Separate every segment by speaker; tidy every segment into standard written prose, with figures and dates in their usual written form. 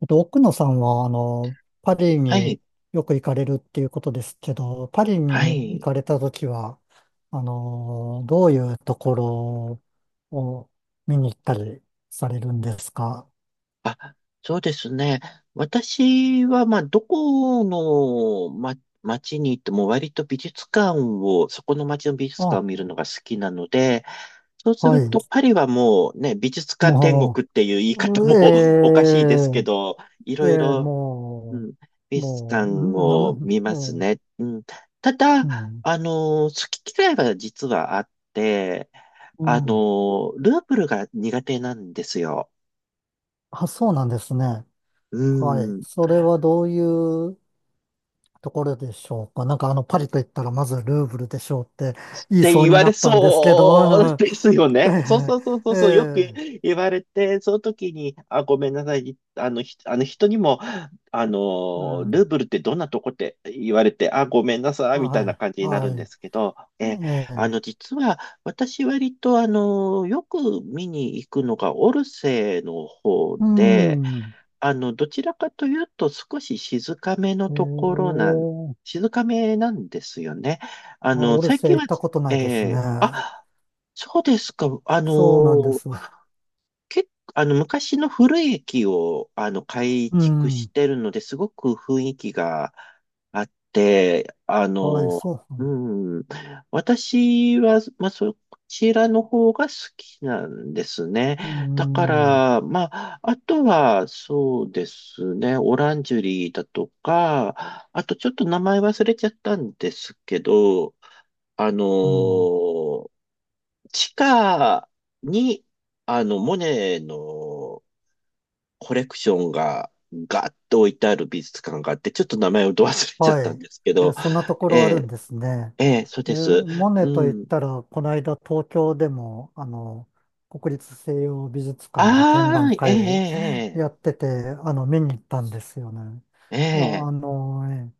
Speaker 1: 奥野さんは、パリ
Speaker 2: はい、
Speaker 1: によく行かれるっていうことですけど、パリ
Speaker 2: は
Speaker 1: に行
Speaker 2: い。
Speaker 1: かれたときは、どういうところを見に行ったりされるんですか？
Speaker 2: あ、そうですね。私は、まあ、どこの、町に行っても割と美術館を、そこの町の美術館を
Speaker 1: あ、
Speaker 2: 見るのが好きなので、そうす
Speaker 1: は
Speaker 2: る
Speaker 1: い。
Speaker 2: とパリはもうね、美術館天
Speaker 1: も
Speaker 2: 国っていう言い方
Speaker 1: う、
Speaker 2: も おか
Speaker 1: え
Speaker 2: しいですけど、い
Speaker 1: ええ
Speaker 2: ろい
Speaker 1: え
Speaker 2: ろ、う
Speaker 1: も
Speaker 2: ん、
Speaker 1: う、
Speaker 2: 美術館
Speaker 1: もう、んぬ
Speaker 2: を
Speaker 1: む、
Speaker 2: 見
Speaker 1: え
Speaker 2: ますね。
Speaker 1: え
Speaker 2: うん、ただ、
Speaker 1: うん、
Speaker 2: 好き嫌いは実はあって、
Speaker 1: うん。
Speaker 2: ルーブルが苦手なんですよ。
Speaker 1: あ、そうなんですね。
Speaker 2: う
Speaker 1: はい。
Speaker 2: ん。っ
Speaker 1: それはどういうところでしょうか？なんかパリと言ったらまずルーブルでしょうって言い
Speaker 2: て
Speaker 1: そう
Speaker 2: 言
Speaker 1: に
Speaker 2: わ
Speaker 1: な
Speaker 2: れ
Speaker 1: ったんですけ
Speaker 2: そう
Speaker 1: ど、
Speaker 2: ですよ
Speaker 1: え
Speaker 2: ね。そうそうそうそ
Speaker 1: え、え
Speaker 2: うそう、よく
Speaker 1: え
Speaker 2: 言われて、その時に、あ、ごめんなさい、あの人にも、
Speaker 1: う
Speaker 2: ル
Speaker 1: ん、
Speaker 2: ーブルってどんなとこって言われて、あ、ごめんなさい、みたい
Speaker 1: は
Speaker 2: な感じ
Speaker 1: い、
Speaker 2: になる
Speaker 1: は
Speaker 2: んで
Speaker 1: い、
Speaker 2: すけど、え、
Speaker 1: え
Speaker 2: あ
Speaker 1: え、
Speaker 2: の、実は、私割と、よく見に行くのがオルセーの方
Speaker 1: う
Speaker 2: で、
Speaker 1: ん、
Speaker 2: どちらかというと少し静かめの
Speaker 1: え
Speaker 2: ところなん、
Speaker 1: え、
Speaker 2: 静かめなんですよね。
Speaker 1: あ、オル
Speaker 2: 最
Speaker 1: セー
Speaker 2: 近
Speaker 1: 行
Speaker 2: は、
Speaker 1: ったことないですね。
Speaker 2: あ、そうですか。
Speaker 1: そうなんです。
Speaker 2: 結構、昔の古い駅を、改
Speaker 1: う
Speaker 2: 築し
Speaker 1: ん、
Speaker 2: てるので、すごく雰囲気があって、
Speaker 1: はい、そう、
Speaker 2: うん、私は、まあ、そちらの方が好きなんですね。
Speaker 1: う
Speaker 2: だか
Speaker 1: ん、
Speaker 2: ら、まあ、あとは、そうですね、オランジュリーだとか、あとちょっと名前忘れちゃったんですけど、あの、
Speaker 1: うん。
Speaker 2: 地下に、モネのコレクションがガッと置いてある美術館があって、ちょっと名前をど忘れちゃっ
Speaker 1: は
Speaker 2: たん
Speaker 1: い。
Speaker 2: ですけ
Speaker 1: えー、
Speaker 2: ど、
Speaker 1: そんなとこ
Speaker 2: え
Speaker 1: ろあるん
Speaker 2: え、
Speaker 1: ですね。
Speaker 2: ええ、そうです。
Speaker 1: モネと
Speaker 2: う
Speaker 1: 言っ
Speaker 2: ん。
Speaker 1: たら、この間東京でも、国立西洋美術館で展
Speaker 2: あ
Speaker 1: 覧
Speaker 2: あ、え
Speaker 1: 会
Speaker 2: え、
Speaker 1: やってて、見に行ったんですよね。
Speaker 2: ええ、
Speaker 1: いや、
Speaker 2: ええ。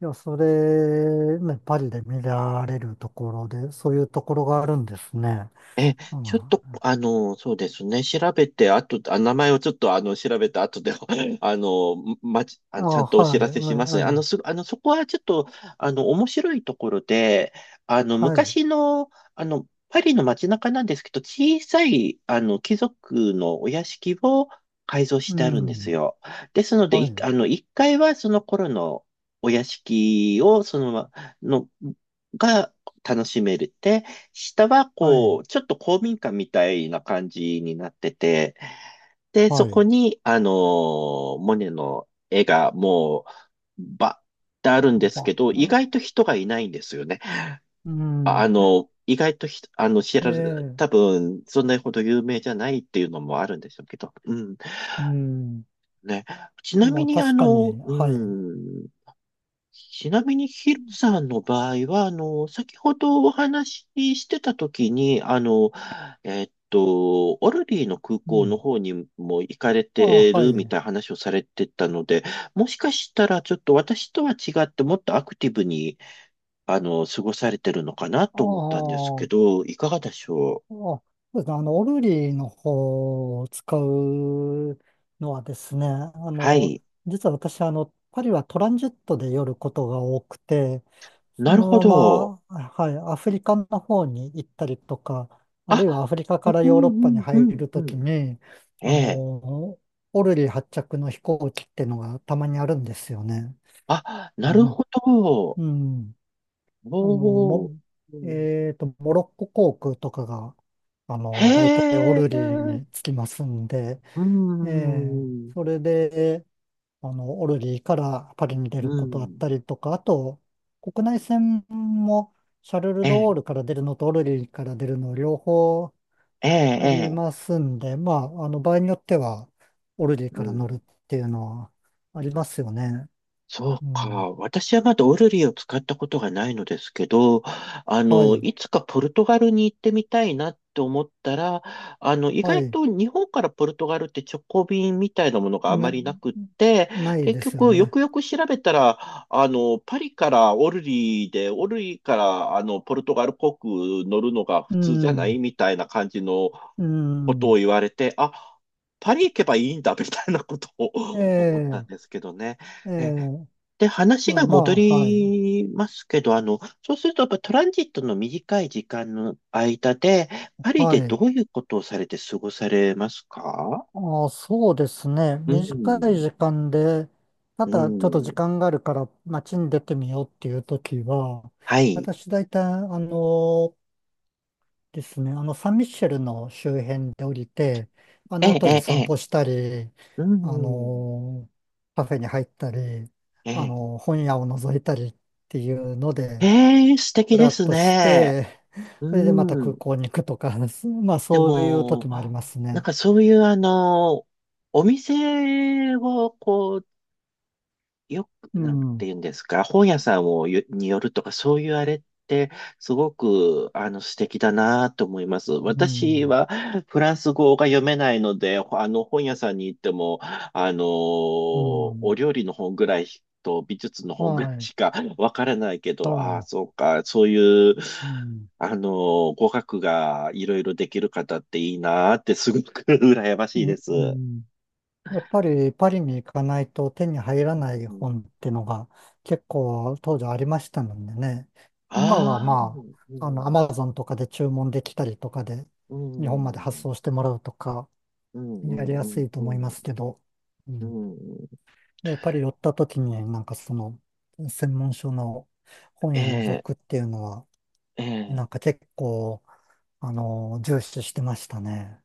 Speaker 1: いや、それ、ね、パリで見られるところで、そういうところがあるんですね。
Speaker 2: え、
Speaker 1: うん、
Speaker 2: ちょっ
Speaker 1: あ、
Speaker 2: と、あの、そうですね、調べて、あと、あ、名前をちょっと、調べた後で、あの、ままち、あ
Speaker 1: はい、
Speaker 2: の、ちゃんとお知らせしますね。あの、
Speaker 1: は
Speaker 2: す、あの、そこはちょっと、面白いところで、
Speaker 1: い、はい、
Speaker 2: 昔の、パリの街中なんですけど、小さい、貴族のお屋敷を改造し
Speaker 1: う
Speaker 2: てあるんです
Speaker 1: ん、
Speaker 2: よ。ですので、
Speaker 1: は
Speaker 2: い、
Speaker 1: い、
Speaker 2: あの、1階はその頃のお屋敷を、の、が楽しめる下は
Speaker 1: は
Speaker 2: こ
Speaker 1: い、
Speaker 2: う、ちょっと公民館みたいな感じになってて、で、そ
Speaker 1: は
Speaker 2: こ
Speaker 1: い。
Speaker 2: に、モネの絵がばってあるんです
Speaker 1: ば、
Speaker 2: けど、意外と人がいないんですよね。
Speaker 1: うん。
Speaker 2: 意外とひ、あの、知られ、
Speaker 1: ええ
Speaker 2: 多分、そんなほど有名じゃないっていうのもあるんでしょうけど、うん。
Speaker 1: うん。
Speaker 2: ね。ちな
Speaker 1: ま
Speaker 2: み
Speaker 1: あ
Speaker 2: に、あ
Speaker 1: 確か
Speaker 2: の、
Speaker 1: に、はい。
Speaker 2: うん、ちなみにヒロさんの場合は、先ほどお話ししてた時に、オルリーの空
Speaker 1: う
Speaker 2: 港の
Speaker 1: ん。
Speaker 2: 方にも行かれ
Speaker 1: ああ、
Speaker 2: て
Speaker 1: は
Speaker 2: るみ
Speaker 1: い。
Speaker 2: たいな話をされてたので、もしかしたらちょっと私とは違ってもっとアクティブに、過ごされてるのかな
Speaker 1: ああ、
Speaker 2: と思ったんです
Speaker 1: あ
Speaker 2: け
Speaker 1: あ、
Speaker 2: ど、いかがでしょう。
Speaker 1: そうですね。オルリーの方を使うのはですね、
Speaker 2: はい。
Speaker 1: 実は私、パリはトランジットで寄ることが多くて、
Speaker 2: な
Speaker 1: そ
Speaker 2: るほ
Speaker 1: の
Speaker 2: ど。
Speaker 1: まま、はい、アフリカの方に行ったりとか、あるいはア
Speaker 2: あ、
Speaker 1: フリカ
Speaker 2: あ
Speaker 1: から
Speaker 2: う
Speaker 1: ヨーロ
Speaker 2: んう
Speaker 1: ッパに
Speaker 2: んう
Speaker 1: 入
Speaker 2: ん
Speaker 1: る
Speaker 2: う
Speaker 1: とき
Speaker 2: ん。
Speaker 1: に、
Speaker 2: え
Speaker 1: あ
Speaker 2: え。
Speaker 1: の、オルリー発着の飛行機っていうのがたまにあるんですよね。
Speaker 2: あ、なるほど。
Speaker 1: うん。あの、
Speaker 2: お
Speaker 1: も、
Speaker 2: ー。
Speaker 1: えっと、モロッコ航空とかが、大体オ
Speaker 2: へ
Speaker 1: ルリー
Speaker 2: え、
Speaker 1: に着きますんで、
Speaker 2: う
Speaker 1: ええ、
Speaker 2: ん、う
Speaker 1: それで、オルリーからパリに出る
Speaker 2: ん、
Speaker 1: ことあったりとか、あと、国内線もシャルル・
Speaker 2: え
Speaker 1: ド・ゴ
Speaker 2: え、
Speaker 1: ールから出るのとオルリーから出るの両方
Speaker 2: ええ、
Speaker 1: あ
Speaker 2: え
Speaker 1: り
Speaker 2: え、
Speaker 1: ますんで、まあ、場合によっては、オルリー
Speaker 2: う
Speaker 1: から乗る
Speaker 2: ん。
Speaker 1: っていうのはありますよね。
Speaker 2: そう
Speaker 1: う
Speaker 2: か。
Speaker 1: ん。
Speaker 2: 私はまだオルリーを使ったことがないのですけど、
Speaker 1: はい。
Speaker 2: いつかポルトガルに行ってみたいなって思ったら、意
Speaker 1: は
Speaker 2: 外
Speaker 1: い。
Speaker 2: と日本からポルトガルって直行便みたいなものがあま
Speaker 1: な、
Speaker 2: りなくって、
Speaker 1: ない
Speaker 2: 結
Speaker 1: ですよ
Speaker 2: 局、よ
Speaker 1: ね。
Speaker 2: くよく調べたら、パリからオルリーで、オルリーから、ポルトガル航空乗るのが
Speaker 1: う
Speaker 2: 普通じゃない
Speaker 1: ん、
Speaker 2: みたいな感じの、
Speaker 1: う
Speaker 2: ことを
Speaker 1: ん。
Speaker 2: 言われて、あ、パリ行けばいいんだ、みたいなことを
Speaker 1: え
Speaker 2: 思ったん
Speaker 1: え、
Speaker 2: ですけどね。
Speaker 1: え
Speaker 2: え、
Speaker 1: え、
Speaker 2: で、話
Speaker 1: まあ
Speaker 2: が
Speaker 1: ま
Speaker 2: 戻
Speaker 1: あ、はい。
Speaker 2: りますけど、そうすると、やっぱトランジットの短い時間の間で、パリ
Speaker 1: は
Speaker 2: でど
Speaker 1: い。
Speaker 2: ういうことをされて過ごされますか？
Speaker 1: ああ、そうですね。
Speaker 2: う
Speaker 1: 短
Speaker 2: ん、
Speaker 1: い時間で、た
Speaker 2: う
Speaker 1: だちょっと時
Speaker 2: ん、
Speaker 1: 間があるから街に出てみようっていう時は、
Speaker 2: はい。
Speaker 1: 私大体、あのですね。サンミッシェルの周辺で降りて、あ
Speaker 2: え
Speaker 1: の
Speaker 2: え、
Speaker 1: 辺り
Speaker 2: ええ、え
Speaker 1: 散
Speaker 2: え、
Speaker 1: 歩したり、
Speaker 2: う
Speaker 1: あ
Speaker 2: ん、
Speaker 1: のカフェに入ったり、
Speaker 2: ええ、
Speaker 1: 本屋を覗いたりっていうので、
Speaker 2: ええ、素
Speaker 1: ふ
Speaker 2: 敵で
Speaker 1: らっ
Speaker 2: す
Speaker 1: とし
Speaker 2: ね。
Speaker 1: て、
Speaker 2: う
Speaker 1: それでまた空
Speaker 2: ん。
Speaker 1: 港に行くとか、まあ
Speaker 2: で
Speaker 1: そういう
Speaker 2: も、
Speaker 1: 時もあります
Speaker 2: なん
Speaker 1: ね。
Speaker 2: かそういうあの、お店をこう、よく、
Speaker 1: う
Speaker 2: なんて
Speaker 1: ん、
Speaker 2: 言うんですか、本屋さんによるとか、そういうあれって、すごく、素敵だなと思います。
Speaker 1: う
Speaker 2: 私
Speaker 1: ん、
Speaker 2: は、フランス語が読めないので、ほあの、本屋さんに行っても、
Speaker 1: う
Speaker 2: お
Speaker 1: ん、
Speaker 2: 料理の本ぐらいと、美術の
Speaker 1: は
Speaker 2: 本ぐらい
Speaker 1: い、
Speaker 2: しかわからないけど、ああ、
Speaker 1: は
Speaker 2: そうか、そういう、
Speaker 1: い、うん、
Speaker 2: 語学がいろいろできる方っていいなって、すごく 羨ましいです。
Speaker 1: うん。やっぱりパリに行かないと手に入らない
Speaker 2: うん。
Speaker 1: 本っていうのが結構当時ありましたのでね。今は
Speaker 2: ああ、
Speaker 1: ま
Speaker 2: う
Speaker 1: あ、ア
Speaker 2: ん、
Speaker 1: マゾンとかで注文できたりとかで
Speaker 2: う
Speaker 1: 日本まで発
Speaker 2: ん、
Speaker 1: 送してもらうとか
Speaker 2: うん、
Speaker 1: やりや
Speaker 2: う
Speaker 1: す
Speaker 2: ん、
Speaker 1: いと
Speaker 2: う
Speaker 1: 思いま
Speaker 2: ん、
Speaker 1: すけど、う
Speaker 2: う
Speaker 1: ん。
Speaker 2: ん、うん、
Speaker 1: で、パリ寄った時になんかその専門書の本
Speaker 2: え
Speaker 1: 屋覗
Speaker 2: え、
Speaker 1: くっていうのは
Speaker 2: え
Speaker 1: な
Speaker 2: え、
Speaker 1: んか結構、重視してましたね。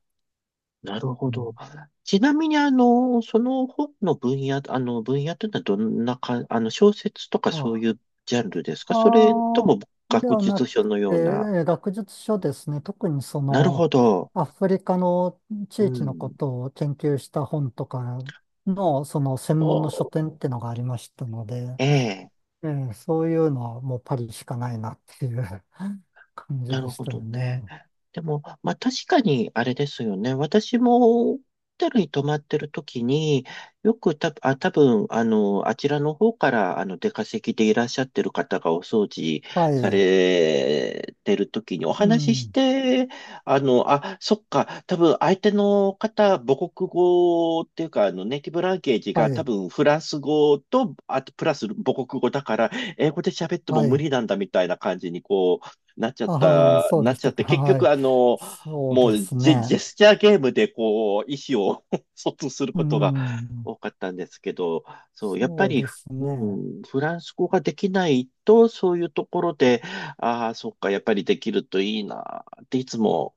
Speaker 2: なるほ
Speaker 1: う
Speaker 2: ど。
Speaker 1: ん。
Speaker 2: ちなみに、その本の分野、分野というのはどんなか、小説とかそう
Speaker 1: あ
Speaker 2: いうジャンルですか、それと
Speaker 1: ああ、
Speaker 2: も
Speaker 1: で
Speaker 2: 学
Speaker 1: はな
Speaker 2: 術書
Speaker 1: くて、
Speaker 2: のような。
Speaker 1: 学術書ですね。特にそ
Speaker 2: なる
Speaker 1: の、
Speaker 2: ほど。
Speaker 1: アフリカの
Speaker 2: う
Speaker 1: 地域のこ
Speaker 2: ん。
Speaker 1: とを研究した本とかの、その専門の書
Speaker 2: お、
Speaker 1: 店ってのがありましたので、
Speaker 2: ええ、
Speaker 1: そういうのはもうパリしかないなっていう 感じ
Speaker 2: な
Speaker 1: で
Speaker 2: る
Speaker 1: し
Speaker 2: ほ
Speaker 1: たよ
Speaker 2: どね。
Speaker 1: ね。
Speaker 2: でも、まあ確かにあれですよね。私もホテルに泊まってる時に、よくた、あ、多分、あちらの方から、出稼ぎでいらっしゃってる方がお掃除
Speaker 1: は
Speaker 2: さ
Speaker 1: い。
Speaker 2: れてる時にお
Speaker 1: う
Speaker 2: 話しし
Speaker 1: ん。
Speaker 2: て、あ、そっか、多分相手の方、母国語っていうか、ネイティブランゲージ
Speaker 1: は
Speaker 2: が多
Speaker 1: い。
Speaker 2: 分フランス語と、あとプラス母国語だから、英語で喋っても
Speaker 1: は
Speaker 2: 無
Speaker 1: い。
Speaker 2: 理なんだみたいな感じに、こう、
Speaker 1: ああ、そう
Speaker 2: なっ
Speaker 1: でし
Speaker 2: ちゃ
Speaker 1: た
Speaker 2: って、
Speaker 1: か。
Speaker 2: 結
Speaker 1: は
Speaker 2: 局、
Speaker 1: い。そう
Speaker 2: も
Speaker 1: で
Speaker 2: う
Speaker 1: す
Speaker 2: ジェ
Speaker 1: ね。
Speaker 2: スチャーゲームで、こう、意思を 疎通する
Speaker 1: う
Speaker 2: ことが
Speaker 1: ん。
Speaker 2: 多かったんですけど、そう、やっぱ
Speaker 1: そう
Speaker 2: り、
Speaker 1: です
Speaker 2: う
Speaker 1: ね。
Speaker 2: ん、フランス語ができないと、そういうところで、ああ、そっか、やっぱりできるといいな、っていつも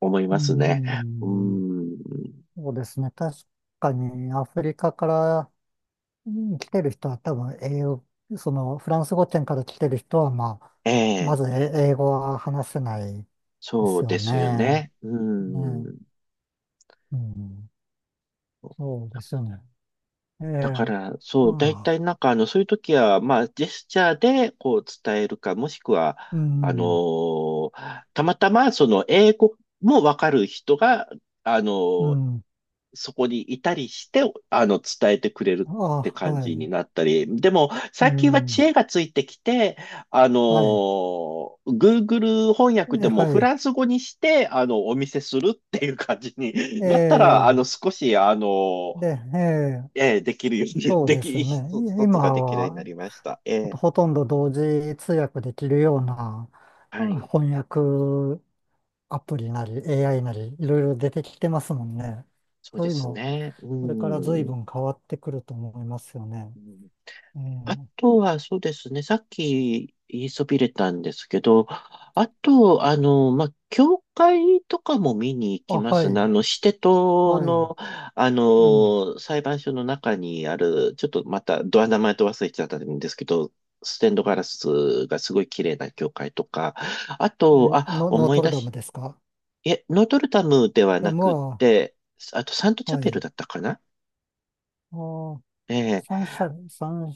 Speaker 2: 思い
Speaker 1: う
Speaker 2: ますね。う
Speaker 1: ん。
Speaker 2: ん、
Speaker 1: そうですね。確かにアフリカからうん来てる人は多分英語、そのフランス語圏から来てる人は、まあ、
Speaker 2: え
Speaker 1: ま
Speaker 2: え、
Speaker 1: ず英語は話せないで
Speaker 2: そ
Speaker 1: す
Speaker 2: う
Speaker 1: よ
Speaker 2: ですよ
Speaker 1: ね。
Speaker 2: ね。う
Speaker 1: ね。
Speaker 2: ん。
Speaker 1: うん。そうですよね。ええ。
Speaker 2: だか
Speaker 1: あ
Speaker 2: ら、そう、大
Speaker 1: あ。
Speaker 2: 体なんか、そういう時は、まあ、ジェスチャーで、こう、伝えるか、もしくは、
Speaker 1: う
Speaker 2: あの
Speaker 1: ん。
Speaker 2: ーたまたま、その、英語もわかる人が、あの
Speaker 1: う
Speaker 2: ー
Speaker 1: ん。
Speaker 2: そこにいたりして、伝えてくれるって
Speaker 1: ああ、
Speaker 2: 感
Speaker 1: は
Speaker 2: じに
Speaker 1: い。
Speaker 2: なったり、でも、
Speaker 1: う
Speaker 2: 最近は知
Speaker 1: ん。
Speaker 2: 恵がついてきて、
Speaker 1: はい。
Speaker 2: Google 翻訳でも
Speaker 1: は
Speaker 2: フ
Speaker 1: い。
Speaker 2: ランス語にして、お見せするっていう感じに
Speaker 1: え
Speaker 2: なったら、あの、
Speaker 1: え。
Speaker 2: 少し、あのー
Speaker 1: で、ええ。
Speaker 2: ええ、できるように、
Speaker 1: そうですね。
Speaker 2: 一つ一つが
Speaker 1: 今
Speaker 2: できるようにな
Speaker 1: は、
Speaker 2: りました。ええ、
Speaker 1: ほとんど同時通訳できるようなう
Speaker 2: は
Speaker 1: ん
Speaker 2: い。
Speaker 1: 翻訳アプリなり AI なりいろいろ出てきてますもんね。
Speaker 2: そう
Speaker 1: そ
Speaker 2: で
Speaker 1: ういう
Speaker 2: す
Speaker 1: の、
Speaker 2: ね。う
Speaker 1: これから随
Speaker 2: ん。
Speaker 1: 分変わってくると思いますよね。
Speaker 2: うん。
Speaker 1: え
Speaker 2: あ
Speaker 1: え、
Speaker 2: とは、そうですね。さっき言いそびれたんですけど、あと、まあ、教会とかも見に行
Speaker 1: あ、
Speaker 2: きま
Speaker 1: は
Speaker 2: すね。
Speaker 1: い、
Speaker 2: シテ島
Speaker 1: はい、
Speaker 2: の、
Speaker 1: うん。
Speaker 2: 裁判所の中にある、ちょっとまた、ドア名前と忘れちゃったんですけど、ステンドガラスがすごい綺麗な教会とか、あと、
Speaker 1: え、
Speaker 2: あ、
Speaker 1: ノー
Speaker 2: 思
Speaker 1: ト
Speaker 2: い
Speaker 1: ル
Speaker 2: 出
Speaker 1: ダム
Speaker 2: し、
Speaker 1: ですか？
Speaker 2: え、ノートルダムでは
Speaker 1: で、
Speaker 2: なくっ
Speaker 1: ま
Speaker 2: て、あとサント
Speaker 1: あ、
Speaker 2: チャ
Speaker 1: は
Speaker 2: ペル
Speaker 1: い。
Speaker 2: だったかな。
Speaker 1: あー、
Speaker 2: え
Speaker 1: 三者、三、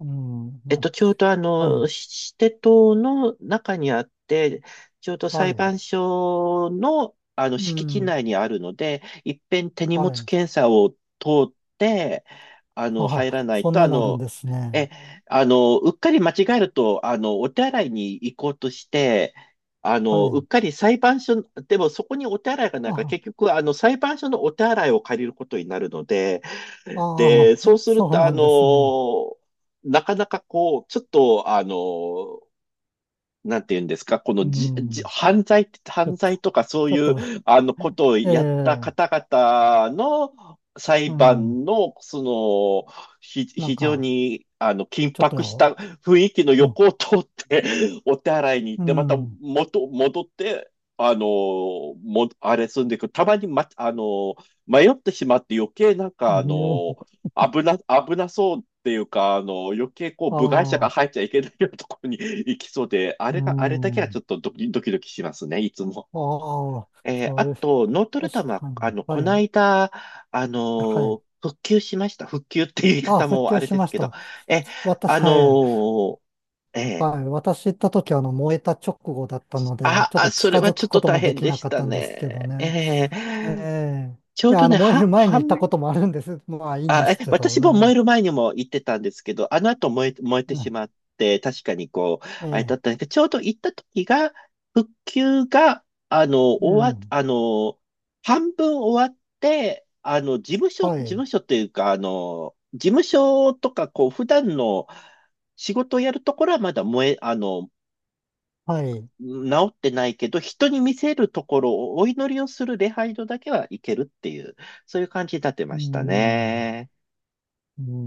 Speaker 1: うん、
Speaker 2: ちょうどあ
Speaker 1: は
Speaker 2: の、
Speaker 1: い、
Speaker 2: シテ島の中にあって、ちょうど
Speaker 1: は
Speaker 2: 裁
Speaker 1: い、
Speaker 2: 判所の、あの
Speaker 1: う
Speaker 2: 敷地
Speaker 1: ん、
Speaker 2: 内にあるので、一遍手荷
Speaker 1: は
Speaker 2: 物
Speaker 1: い。
Speaker 2: 検査を通って、
Speaker 1: あ、
Speaker 2: 入らない
Speaker 1: そん
Speaker 2: と、あ
Speaker 1: なのあるん
Speaker 2: の、
Speaker 1: です
Speaker 2: え、
Speaker 1: ね。
Speaker 2: あの、うっかり間違えると、お手洗いに行こうとして、
Speaker 1: は
Speaker 2: うっ
Speaker 1: い。
Speaker 2: かり裁判所、でもそこにお手洗いがないから、
Speaker 1: あ
Speaker 2: 結局、裁判所のお手洗いを借りることになるので、
Speaker 1: あ
Speaker 2: で、
Speaker 1: あ、
Speaker 2: そう する
Speaker 1: そう
Speaker 2: と、
Speaker 1: なんですね。
Speaker 2: なかなかこう、ちょっと、なんて言うんですか、こ
Speaker 1: う
Speaker 2: のじ、じ、
Speaker 1: ん。
Speaker 2: 犯罪、
Speaker 1: ちょ
Speaker 2: 犯
Speaker 1: っと、
Speaker 2: 罪とかそう
Speaker 1: ちょっ
Speaker 2: いう、
Speaker 1: と、
Speaker 2: ことを
Speaker 1: え
Speaker 2: やった
Speaker 1: え、
Speaker 2: 方々の裁
Speaker 1: うん。
Speaker 2: 判の、その、
Speaker 1: なん
Speaker 2: 非常
Speaker 1: か、
Speaker 2: に、緊
Speaker 1: ちょっ
Speaker 2: 迫した
Speaker 1: と、
Speaker 2: 雰囲気の
Speaker 1: うん、
Speaker 2: 横を通って、お手洗いに行っ
Speaker 1: う
Speaker 2: て、また
Speaker 1: ん。
Speaker 2: 戻って、あの、も、あれするんでくる、たまに、ま、あの、迷ってしまって余計なんか、危なそうっていうか、余計こう、部外者が
Speaker 1: あ
Speaker 2: 入
Speaker 1: あ、
Speaker 2: っちゃいけないようなところに 行きそうで、あ
Speaker 1: う
Speaker 2: れが、あれだけはち
Speaker 1: ん。
Speaker 2: ょっとドキドキドキしますね、いつも。
Speaker 1: ああ、そ
Speaker 2: あ
Speaker 1: うです。
Speaker 2: と、ノートルダム
Speaker 1: 確
Speaker 2: は、
Speaker 1: かに。は
Speaker 2: この
Speaker 1: い。
Speaker 2: 間、
Speaker 1: はい。
Speaker 2: 復旧しました。復旧っていう言い
Speaker 1: ああ、
Speaker 2: 方
Speaker 1: 復
Speaker 2: もあ
Speaker 1: 旧
Speaker 2: れ
Speaker 1: し
Speaker 2: です
Speaker 1: まし
Speaker 2: けど、
Speaker 1: た。
Speaker 2: え、
Speaker 1: 私、
Speaker 2: あ
Speaker 1: はい。
Speaker 2: のえ
Speaker 1: はい、
Speaker 2: ー
Speaker 1: 私行った時、燃えた直後だったので、
Speaker 2: あ、
Speaker 1: ちょっ
Speaker 2: あ、
Speaker 1: と
Speaker 2: それ
Speaker 1: 近
Speaker 2: は
Speaker 1: づ
Speaker 2: ちょ
Speaker 1: く
Speaker 2: っ
Speaker 1: こ
Speaker 2: と
Speaker 1: と
Speaker 2: 大
Speaker 1: もで
Speaker 2: 変
Speaker 1: き
Speaker 2: で
Speaker 1: な
Speaker 2: し
Speaker 1: かっ
Speaker 2: た
Speaker 1: たんですけど
Speaker 2: ね。
Speaker 1: ね。ええ、
Speaker 2: ちょ
Speaker 1: い
Speaker 2: う
Speaker 1: や、
Speaker 2: どね、
Speaker 1: 燃え
Speaker 2: は、
Speaker 1: る前に行っ
Speaker 2: 半
Speaker 1: たこともあるんです。まあ、いいんで
Speaker 2: あ、え、
Speaker 1: すけど
Speaker 2: 私も燃え
Speaker 1: ね。
Speaker 2: る前にも言ってたんですけど、あの後燃え、燃えて
Speaker 1: う
Speaker 2: し
Speaker 1: ん、
Speaker 2: まって、確かにこう、あれだ
Speaker 1: え
Speaker 2: っ
Speaker 1: え、
Speaker 2: たんですけど、ちょうど行った時が、復旧が、あの、
Speaker 1: う
Speaker 2: 終わ、
Speaker 1: ん。
Speaker 2: あの、半分終わって、事
Speaker 1: はい。
Speaker 2: 務所っていうか、事務所とか、こう、普段の仕事をやるところはまだ燃え、あの、
Speaker 1: はい。
Speaker 2: 治ってないけど、人に見せるところをお祈りをする礼拝堂だけは行けるっていう、そういう感じになって
Speaker 1: う
Speaker 2: ました
Speaker 1: ん。
Speaker 2: ね。
Speaker 1: うん。